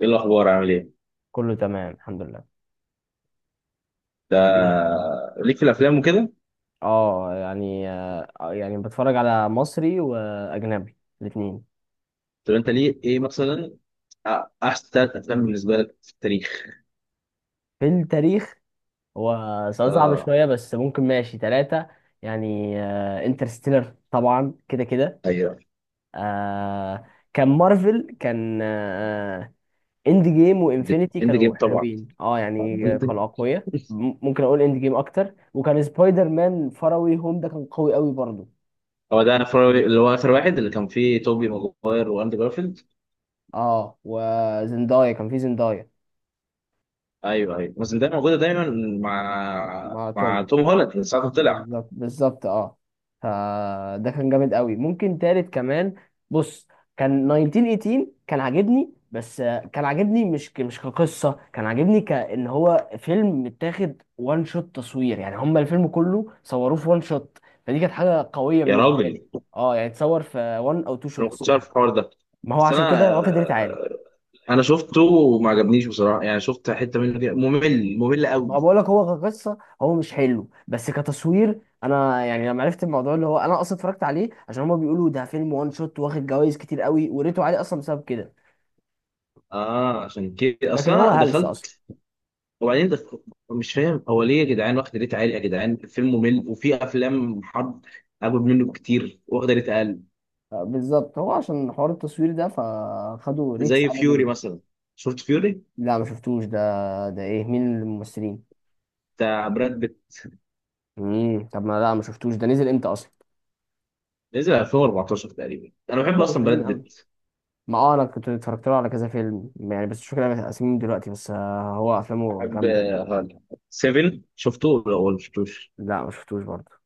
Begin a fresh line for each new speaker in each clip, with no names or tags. ايه الاخبار؟ عامل ايه؟
كله تمام الحمد لله.
ده
إيه؟
ليك في الافلام وكده.
اه يعني آه يعني بتفرج على مصري واجنبي، الاثنين.
طب انت ليه ايه مثلا؟ أ- احسن ثلاث افلام بالنسبه لك في التاريخ.
في التاريخ؟ هو سؤال صعب شويه
اه.
بس ممكن، ماشي ثلاثه. يعني انترستيلر طبعا كده كده.
ايوه،
آه كان مارفل، كان اند جيم وانفينيتي،
اند
كانوا
جيم طبعا.
حلوين، اه يعني
End Game.
كانوا اقوياء. ممكن اقول اند جيم اكتر. وكان سبايدر مان فروي هوم ده كان قوي قوي برضه.
هو ده اللي هو اخر واحد اللي كان فيه توبي ماجواير واندرو جارفيلد.
اه وزندايا، كان في زندايا
ايوه ايوه، بس ده موجوده دايما مع
مع
مع
توم.
توم هولاند من ساعه ما طلع.
بالظبط بالظبط، اه. فده كان جامد قوي. ممكن تالت كمان، بص، كان 1918، كان عاجبني بس كان عاجبني مش مش كقصة. كان عاجبني كأن هو فيلم متاخد وان شوت تصوير، يعني هما الفيلم كله صوروه في وان شوت. فدي كانت حاجة قوية
يا
بالنسبة
راجل،
لي. اه يعني اتصور في وان او تو
انا ما
شوتس.
كنتش عارف الحوار ده.
ما هو
بس
عشان
انا
كده واخد ريت عالي.
انا شفته وما عجبنيش بصراحه، يعني شفت حته منه كده ممل ممل قوي.
ما بقول لك، هو كقصه هو مش حلو بس كتصوير، انا يعني لما عرفت الموضوع، اللي هو انا اصلا اتفرجت عليه عشان هما بيقولوا ده فيلم وان شوت واخد جوائز كتير قوي، وريته عليه اصلا بسبب كده.
اه عشان كده
لكن هو
اصلا
هلس اصلا.
دخلت. وبعدين مش فاهم هو ليه يا جدعان واخده ريت عالي، يا جدعان فيلم ممل وفي افلام حرب اجمد منه كتير واخده ريت اقل،
بالظبط، هو عشان حوار التصوير ده فخدوا ريتس
زي
عالي
فيوري
جدا.
مثلا. شفت فيوري؟
لا ما شفتوش ده. ده ايه؟ مين الممثلين؟
بتاع براد بيت،
امم، طب ما لا ما شفتوش ده. نزل امتى اصلا؟
نزل 2014 تقريبا. انا
طب
بحب
ده مش
اصلا
قديم
براد
قوي.
بيت.
ما اه انا كنت اتفرجت له على كذا فيلم يعني، بس مش فاكر اسمهم دلوقتي. بس هو افلامه
بحب
جامده.
هالا. 7 شفته ولا ما شفتوش؟
لا ما شفتوش برضه.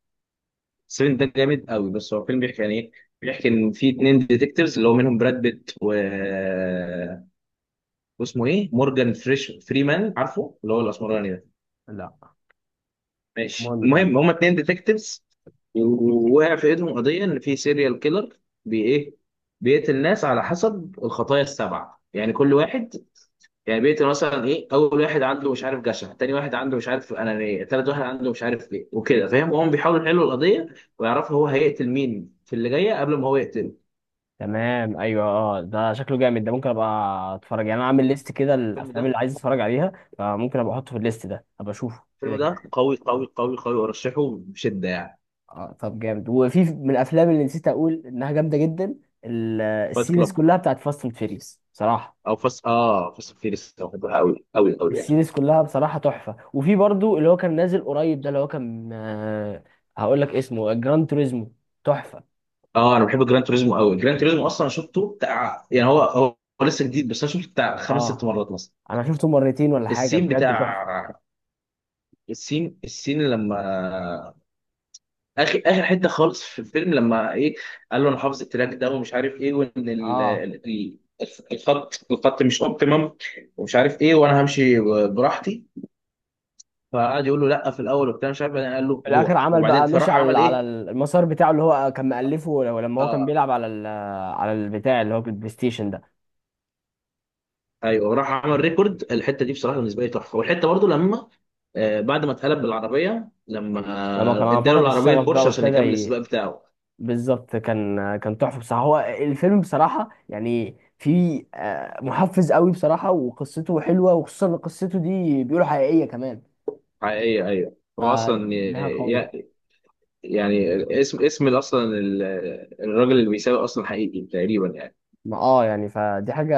7 ده جامد قوي. بس هو فيلم بيحكي عن ايه؟ بيحكي ان في اتنين ديتكتيفز اللي هو منهم براد بيت و... آه، واسمه ايه، مورجان فريمان، عارفه اللي هو الاسمراني ده.
لا.
ماشي،
المهم كمل.
المهم هما اتنين ديتكتيفز ووقع في ايدهم قضيه ان في سيريال كيلر، بي ايه، بيقتل ناس على حسب الخطايا السبعه. يعني كل واحد، يعني بيقتل مثلا ايه، اول واحد عنده مش عارف جشع، تاني واحد عنده مش عارف انانيه، تالت واحد عنده مش عارف ايه، وكده فاهم، وهم بيحاولوا يحلوا القضيه ويعرفوا هو هيقتل مين في اللي جايه قبل ما هو يقتله.
تمام ايوه اه، ده شكله جامد، ده ممكن ابقى اتفرج يعني. انا عامل ليست كده
الفيلم
الافلام
ده،
اللي عايز اتفرج عليها، فممكن ابقى احطه في الليست ده ابقى اشوفه كده
الفيلم ده
كده.
قوي قوي قوي قوي، ارشحه بشده يعني.
اه طب جامد. وفي من الافلام اللي نسيت اقول انها جامده جدا،
فايت
السيريز
كلاب،
كلها بتاعت فاست اند فيريس بصراحه.
او فاست، فيريس، بحبها قوي قوي قوي يعني.
السيريز كلها بصراحه تحفه. وفي برضو اللي هو كان نازل قريب ده، اللي هو كان هقول لك اسمه، جراند توريزمو، تحفه.
اه انا بحب جراند توريزمو قوي. جراند توريزمو اصلا شفته بتاع يعني هو هو لسه جديد، بس انا شفته بتاع خمس ست
اه
مرات مثلا.
انا شفته مرتين ولا حاجه،
السين
بجد
بتاع،
تحفه.
السين لما اخر اخر حته خالص في الفيلم، لما ايه، قال له انا حافظ التراك ده ومش عارف ايه، وان
اه،
ال- الخط مش اوبتيمم، ومش عارف ايه، وانا همشي براحتي. فقعد يقول له لا في الاول وبتاع مش عارف، بعدين قال له
في الاخر
روح.
عمل
وبعدين
بقى مشي
فراح
على
عمل
على
ايه؟
المسار بتاعه اللي هو كان مألفه، لما هو كان
آه،
بيلعب على على البتاع اللي هو البلاي ستيشن ده.
ايوه راح عمل ريكورد الحته دي، بصراحه بالنسبه لي تحفه. والحته برضو لما بعد ما اتقلب بالعربيه، لما
لما كان
اداله
فقد
العربيه
الشغف بقى
البورش عشان
وابتدى
يكمل السباق بتاعه.
بالظبط. كان كان تحفه بصراحه. هو الفيلم بصراحه يعني، في محفز قوي بصراحه، وقصته حلوه، وخصوصا ان قصته دي بيقولوا حقيقيه كمان.
حقيقيه، ايوه هو اصلا
فدي حاجه قويه.
يعني اسم اصلا الراجل اللي بيسابق اصلا حقيقي تقريبا يعني.
ما اه يعني فدي حاجة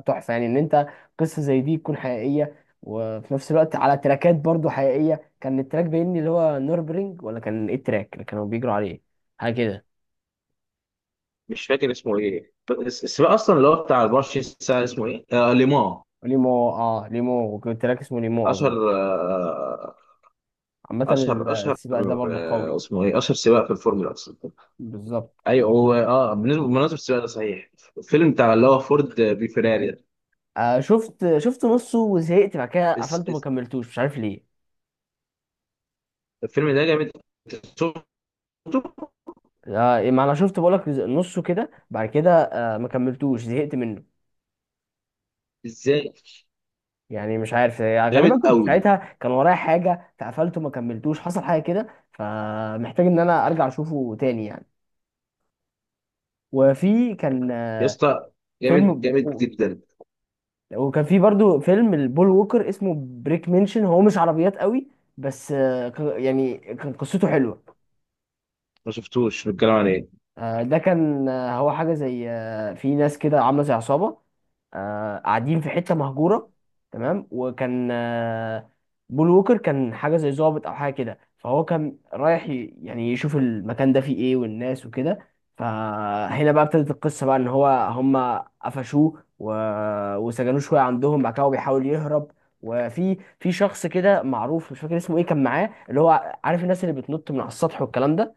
تحفة، يعني ان انت قصة زي دي تكون حقيقية وفي نفس الوقت على تراكات برضو حقيقية. كان التراك باين لي اللي هو نوربرينج، ولا كان ايه التراك اللي كانوا بيجروا عليه؟ حاجة كده.
مش فاكر اسمه ايه، بس السباق اصلا اللي هو بتاع 24 ساعه اسمه ايه؟ آه ليمون.
ليمو، اه ليمو، وكان التراك اسمه ليمو
اشهر
اظن. عامة
اشهر اشهر
السباق ده برضو قوي.
اسمه ايه؟ اشهر سباق في الفورمولا اصلا.
بالظبط.
ايوه هو، اه بالنسبه بمناسبه السباق ده صحيح، الفيلم بتاع اللي هو فورد بي فيراري ده.
آه شفت نصه وزهقت، بعد كده
اس-
قفلته ما
اس-
كملتوش، مش عارف ليه.
الفيلم ده جامد. أنت شفته؟
آه ما انا شفت بقولك نصه كده، بعد كده آه ما كملتوش، زهقت منه.
ازاي؟
يعني مش عارف يعني،
جامد
غالبا كنت
قوي.
ساعتها كان ورايا حاجه فقفلته ما كملتوش، حصل حاجه كده، فمحتاج ان انا ارجع اشوفه تاني يعني. وفي كان
يا اسطى، جامد
فيلم.
جامد جدا.
وكان في برضو فيلم البول ووكر اسمه بريك منشن، هو مش عربيات قوي بس يعني كان قصته حلوه.
ما شفتوش، بنتكلم عن ايه؟
ده كان هو حاجة زي في ناس كده عاملة زي عصابة، قاعدين في حتة مهجورة، تمام. وكان بول ووكر كان حاجة زي ضابط أو حاجة كده، فهو كان رايح يعني يشوف المكان ده فيه إيه والناس وكده. فهنا بقى ابتدت القصة بقى، إن هو هما قفشوه و... وسجنوه شوية عندهم. بعد كده هو بيحاول يهرب، وفي شخص كده معروف مش فاكر اسمه إيه، كان معاه، اللي هو عارف الناس اللي بتنط من على السطح والكلام ده.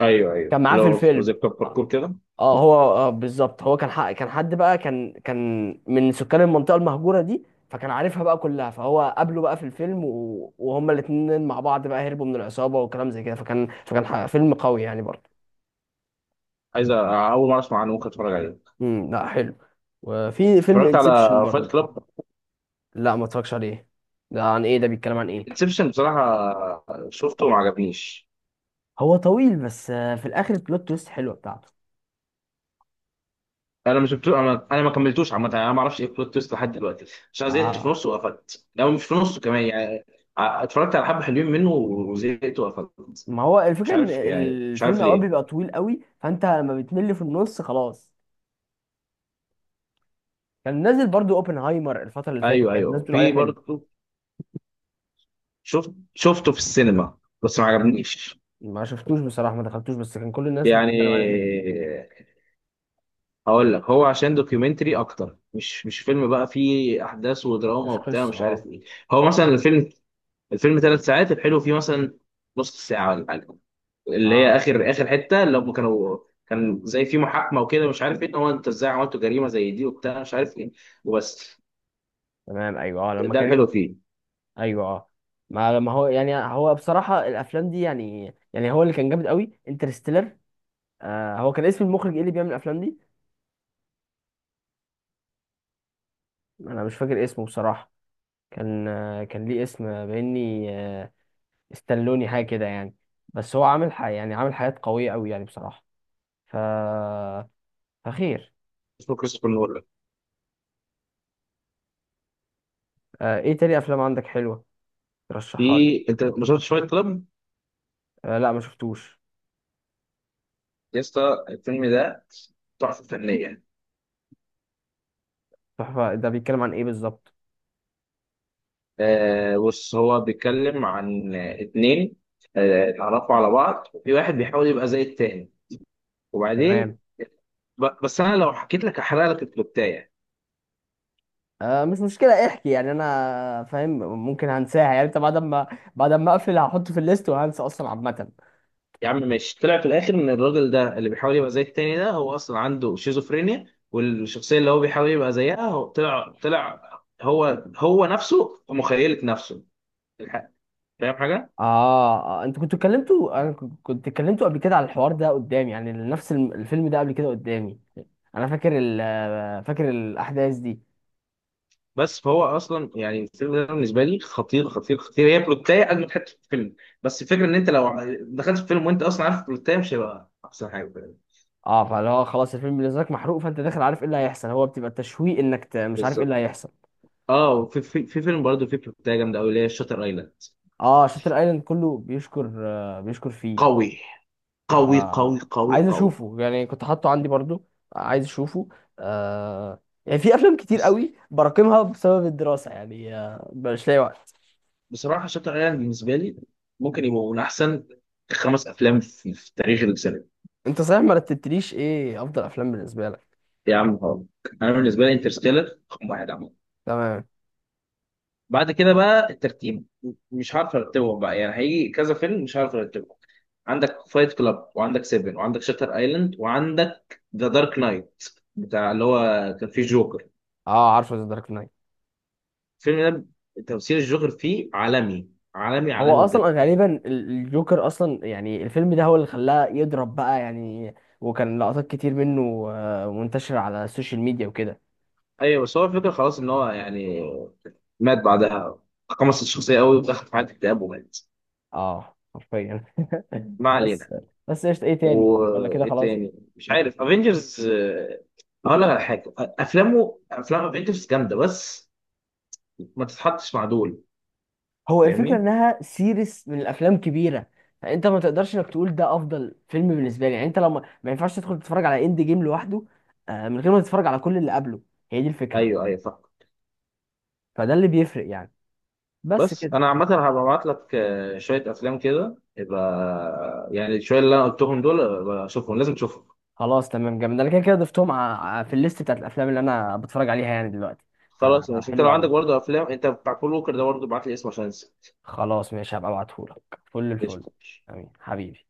ايوه ايوه،
كان معاه في
لو
الفيلم.
زي كلاب
آه.
باركور كده.
اه هو آه بالظبط، هو كان حق، كان حد بقى، كان من سكان المنطقه المهجوره دي، فكان عارفها بقى كلها. فهو قابله بقى في الفيلم، و... وهما الاتنين مع بعض بقى هربوا من العصابه وكلام زي كده. فيلم قوي يعني برضه.
عايز اول مره اسمع عنه، ممكن اتفرج عليه.
لا حلو. وفي فيلم
اتفرجت
انسبشن
على فايت
برضه.
كلاب؟
لا ما اتفرجش عليه. ده عن ايه؟ ده بيتكلم عن ايه؟
انسبشن بصراحه شفته وما عجبنيش.
هو طويل بس في الاخر البلوت تويست حلوه بتاعته.
انا ما شفتوش، انا ما كملتوش عامه، انا ما اعرفش ايه البلوت تويست لحد دلوقتي، عشان زهقت في
اه
نصه وقفلت لو مش في نصه كمان يعني. اتفرجت على حبه حلوين منه وزهقت وقفلت،
ما هو
مش
الفكره ان
عارف يعني، مش عارف
الفيلم اوقات
ليه.
بيبقى طويل قوي، فانت لما بتمل في النص خلاص. كان نازل برضو اوبنهايمر الفترة اللي فاتت،
ايوه
كانت الناس
ايوه،
بتقول عليه
في
حلو.
برضه. شفته في السينما بس ما عجبنيش،
ما شفتوش بصراحة، ما دخلتوش، بس كان كل الناس
يعني
بتتكلم عليه حلو.
هقول لك هو عشان دوكيومنتري اكتر، مش فيلم بقى فيه احداث ودراما
مش
وبتاع
قصة
مش عارف
اه.
ايه. هو مثلا الفيلم، الفيلم 3 ساعات، الحلو فيه مثلا نص ساعه ولا حاجه، اللي هي
اه
اخر اخر حته، اللي هم كانوا كان زي في محاكمه وكده مش عارف ايه، إن هو انت ازاي عملتوا جريمه زي دي وبتاع مش عارف ايه وبس.
تمام ايوه اه، لما
ده
كان.
الحلو فيه.
ايوه اه. ما هو يعني، هو بصراحة الافلام دي يعني، يعني هو اللي كان جامد قوي انترستيلر. آه هو كان اسم المخرج ايه اللي بيعمل الافلام دي؟ انا مش فاكر اسمه بصراحة. كان آه كان ليه اسم باني، آه استلوني حاجة كده يعني. بس هو عامل حاجة يعني، عامل حاجات قوية قوي يعني بصراحة. ف فخير.
اسمه كريستوفر نولان.
آه ايه تاني افلام عندك حلوة ترشحها لي؟
في، انت ما شفتش فايت كلاب؟
آه لا ما شفتوش.
يا اسطى، الفيلم ده تحفه فنيه.
تحفة، ده بيتكلم عن ايه بالظبط؟
آه بص، هو بيتكلم عن اتنين اتعرفوا على بعض وفي واحد بيحاول يبقى زي التاني وبعدين،
تمام.
بس انا لو حكيت لك هحرق لك الكلوبتايه.
آه مش مشكلة احكي، يعني انا فاهم، ممكن هنساها يعني. انت بعد ما بعد ما اقفل هحطه في الليست وهنسى اصلا عامة.
يا عم ماشي، طلع في الاخر ان الراجل ده اللي بيحاول يبقى زي التاني ده هو اصلا عنده شيزوفرينيا، والشخصيه اللي هو بيحاول يبقى زيها هو طلع هو نفسه في مخيله نفسه الحق. فاهم حاجه؟
اه. انتوا كنتوا اتكلمتوا، انا كنت اتكلمتوا قبل كده على الحوار ده قدامي، يعني نفس الفيلم ده قبل كده قدامي. انا فاكر ال فاكر الاحداث دي.
بس فهو اصلا يعني الفيلم ده بالنسبه لي خطير خطير خطير، هي بلوتايه اجمد حته في الفيلم. بس الفكره ان انت لو دخلت في فيلم وانت اصلا عارف البلوتايه مش هيبقى احسن حاجه.
اه فاللي هو خلاص الفيلم بالنسبة لك محروق، فانت داخل عارف ايه اللي هيحصل. هو بتبقى التشويق انك مش عارف ايه اللي
بالظبط.
هيحصل.
اه وفي في فيلم برضه فيه بلوتايه جامده قوي اللي هي شاتر ايلاند.
اه شاتر ايلاند كله بيشكر، بيشكر فيه.
قوي. قوي
آه
قوي قوي
عايز
قوي.
اشوفه يعني، كنت حاطه عندي برضو، عايز اشوفه. آه يعني في افلام كتير
بس
قوي براكمها بسبب الدراسه يعني، آه مش لاقي وقت.
بصراحه شاتر ايلاند بالنسبه لي ممكن يبقوا من احسن خمس افلام في تاريخ السينما.
انت صحيح ما رتبتليش ايه افضل افلام بالنسبه لك.
يا عم هارك، انا بالنسبه لي انترستيلر رقم واحد عمل.
تمام.
بعد كده بقى الترتيب مش عارف ارتبهم بقى، يعني هيجي كذا فيلم مش عارف ارتبهم. عندك فايت كلاب، وعندك سيفن، وعندك شاتر ايلاند، وعندك ذا دارك نايت بتاع اللي هو كان فيه جوكر.
اه عارفه ذا دارك نايت.
الفيلم ده تمثيل الجوكر فيه عالمي، عالمي
هو
عالمي
اصلا
بجد.
غالبا الجوكر اصلا يعني الفيلم ده هو اللي خلاه يضرب بقى يعني. وكان لقطات كتير منه منتشره على السوشيال ميديا وكده.
ايوه بس هو الفكره خلاص ان هو يعني مات بعدها، خمس الشخصيه قوي ودخل في حاله اكتئاب ومات.
اه حرفيا
ما علينا.
بس. بس ايش، ايه تاني ولا كده
وايه
خلاص؟
تاني؟ مش عارف، افنجرز. هقول لك على حاجه، افلام افنجرز جامده، بس ما تتحطش مع دول،
هو الفكرة
فاهمني؟
انها سيريس من الافلام كبيرة، فانت ما تقدرش انك تقول ده افضل فيلم بالنسبة لي يعني. انت لو ما ينفعش تدخل تتفرج على اند جيم لوحده من غير ما تتفرج على كل اللي قبله. هي دي الفكرة،
ايوه ايوه فاهم.
فده اللي بيفرق يعني. بس
بس
كده.
انا عامه هبقى ابعت لك شويه افلام كده، يبقى يعني شويه اللي انا قلتهم دول اشوفهم. لازم تشوفهم.
خلاص تمام جامد، انا كده كده ضفتهم في الليست بتاعت الافلام اللي انا بتفرج عليها يعني دلوقتي.
خلاص ماشي، انت
فحلو
لو عندك
قوي.
برضه افلام انت بتاع كول ووكر ده برضه ابعت لي اسمه عشان انسى.
خلاص ماشي، هبقى ابعتهولك فل الفل.
قشطة.
امين حبيبي.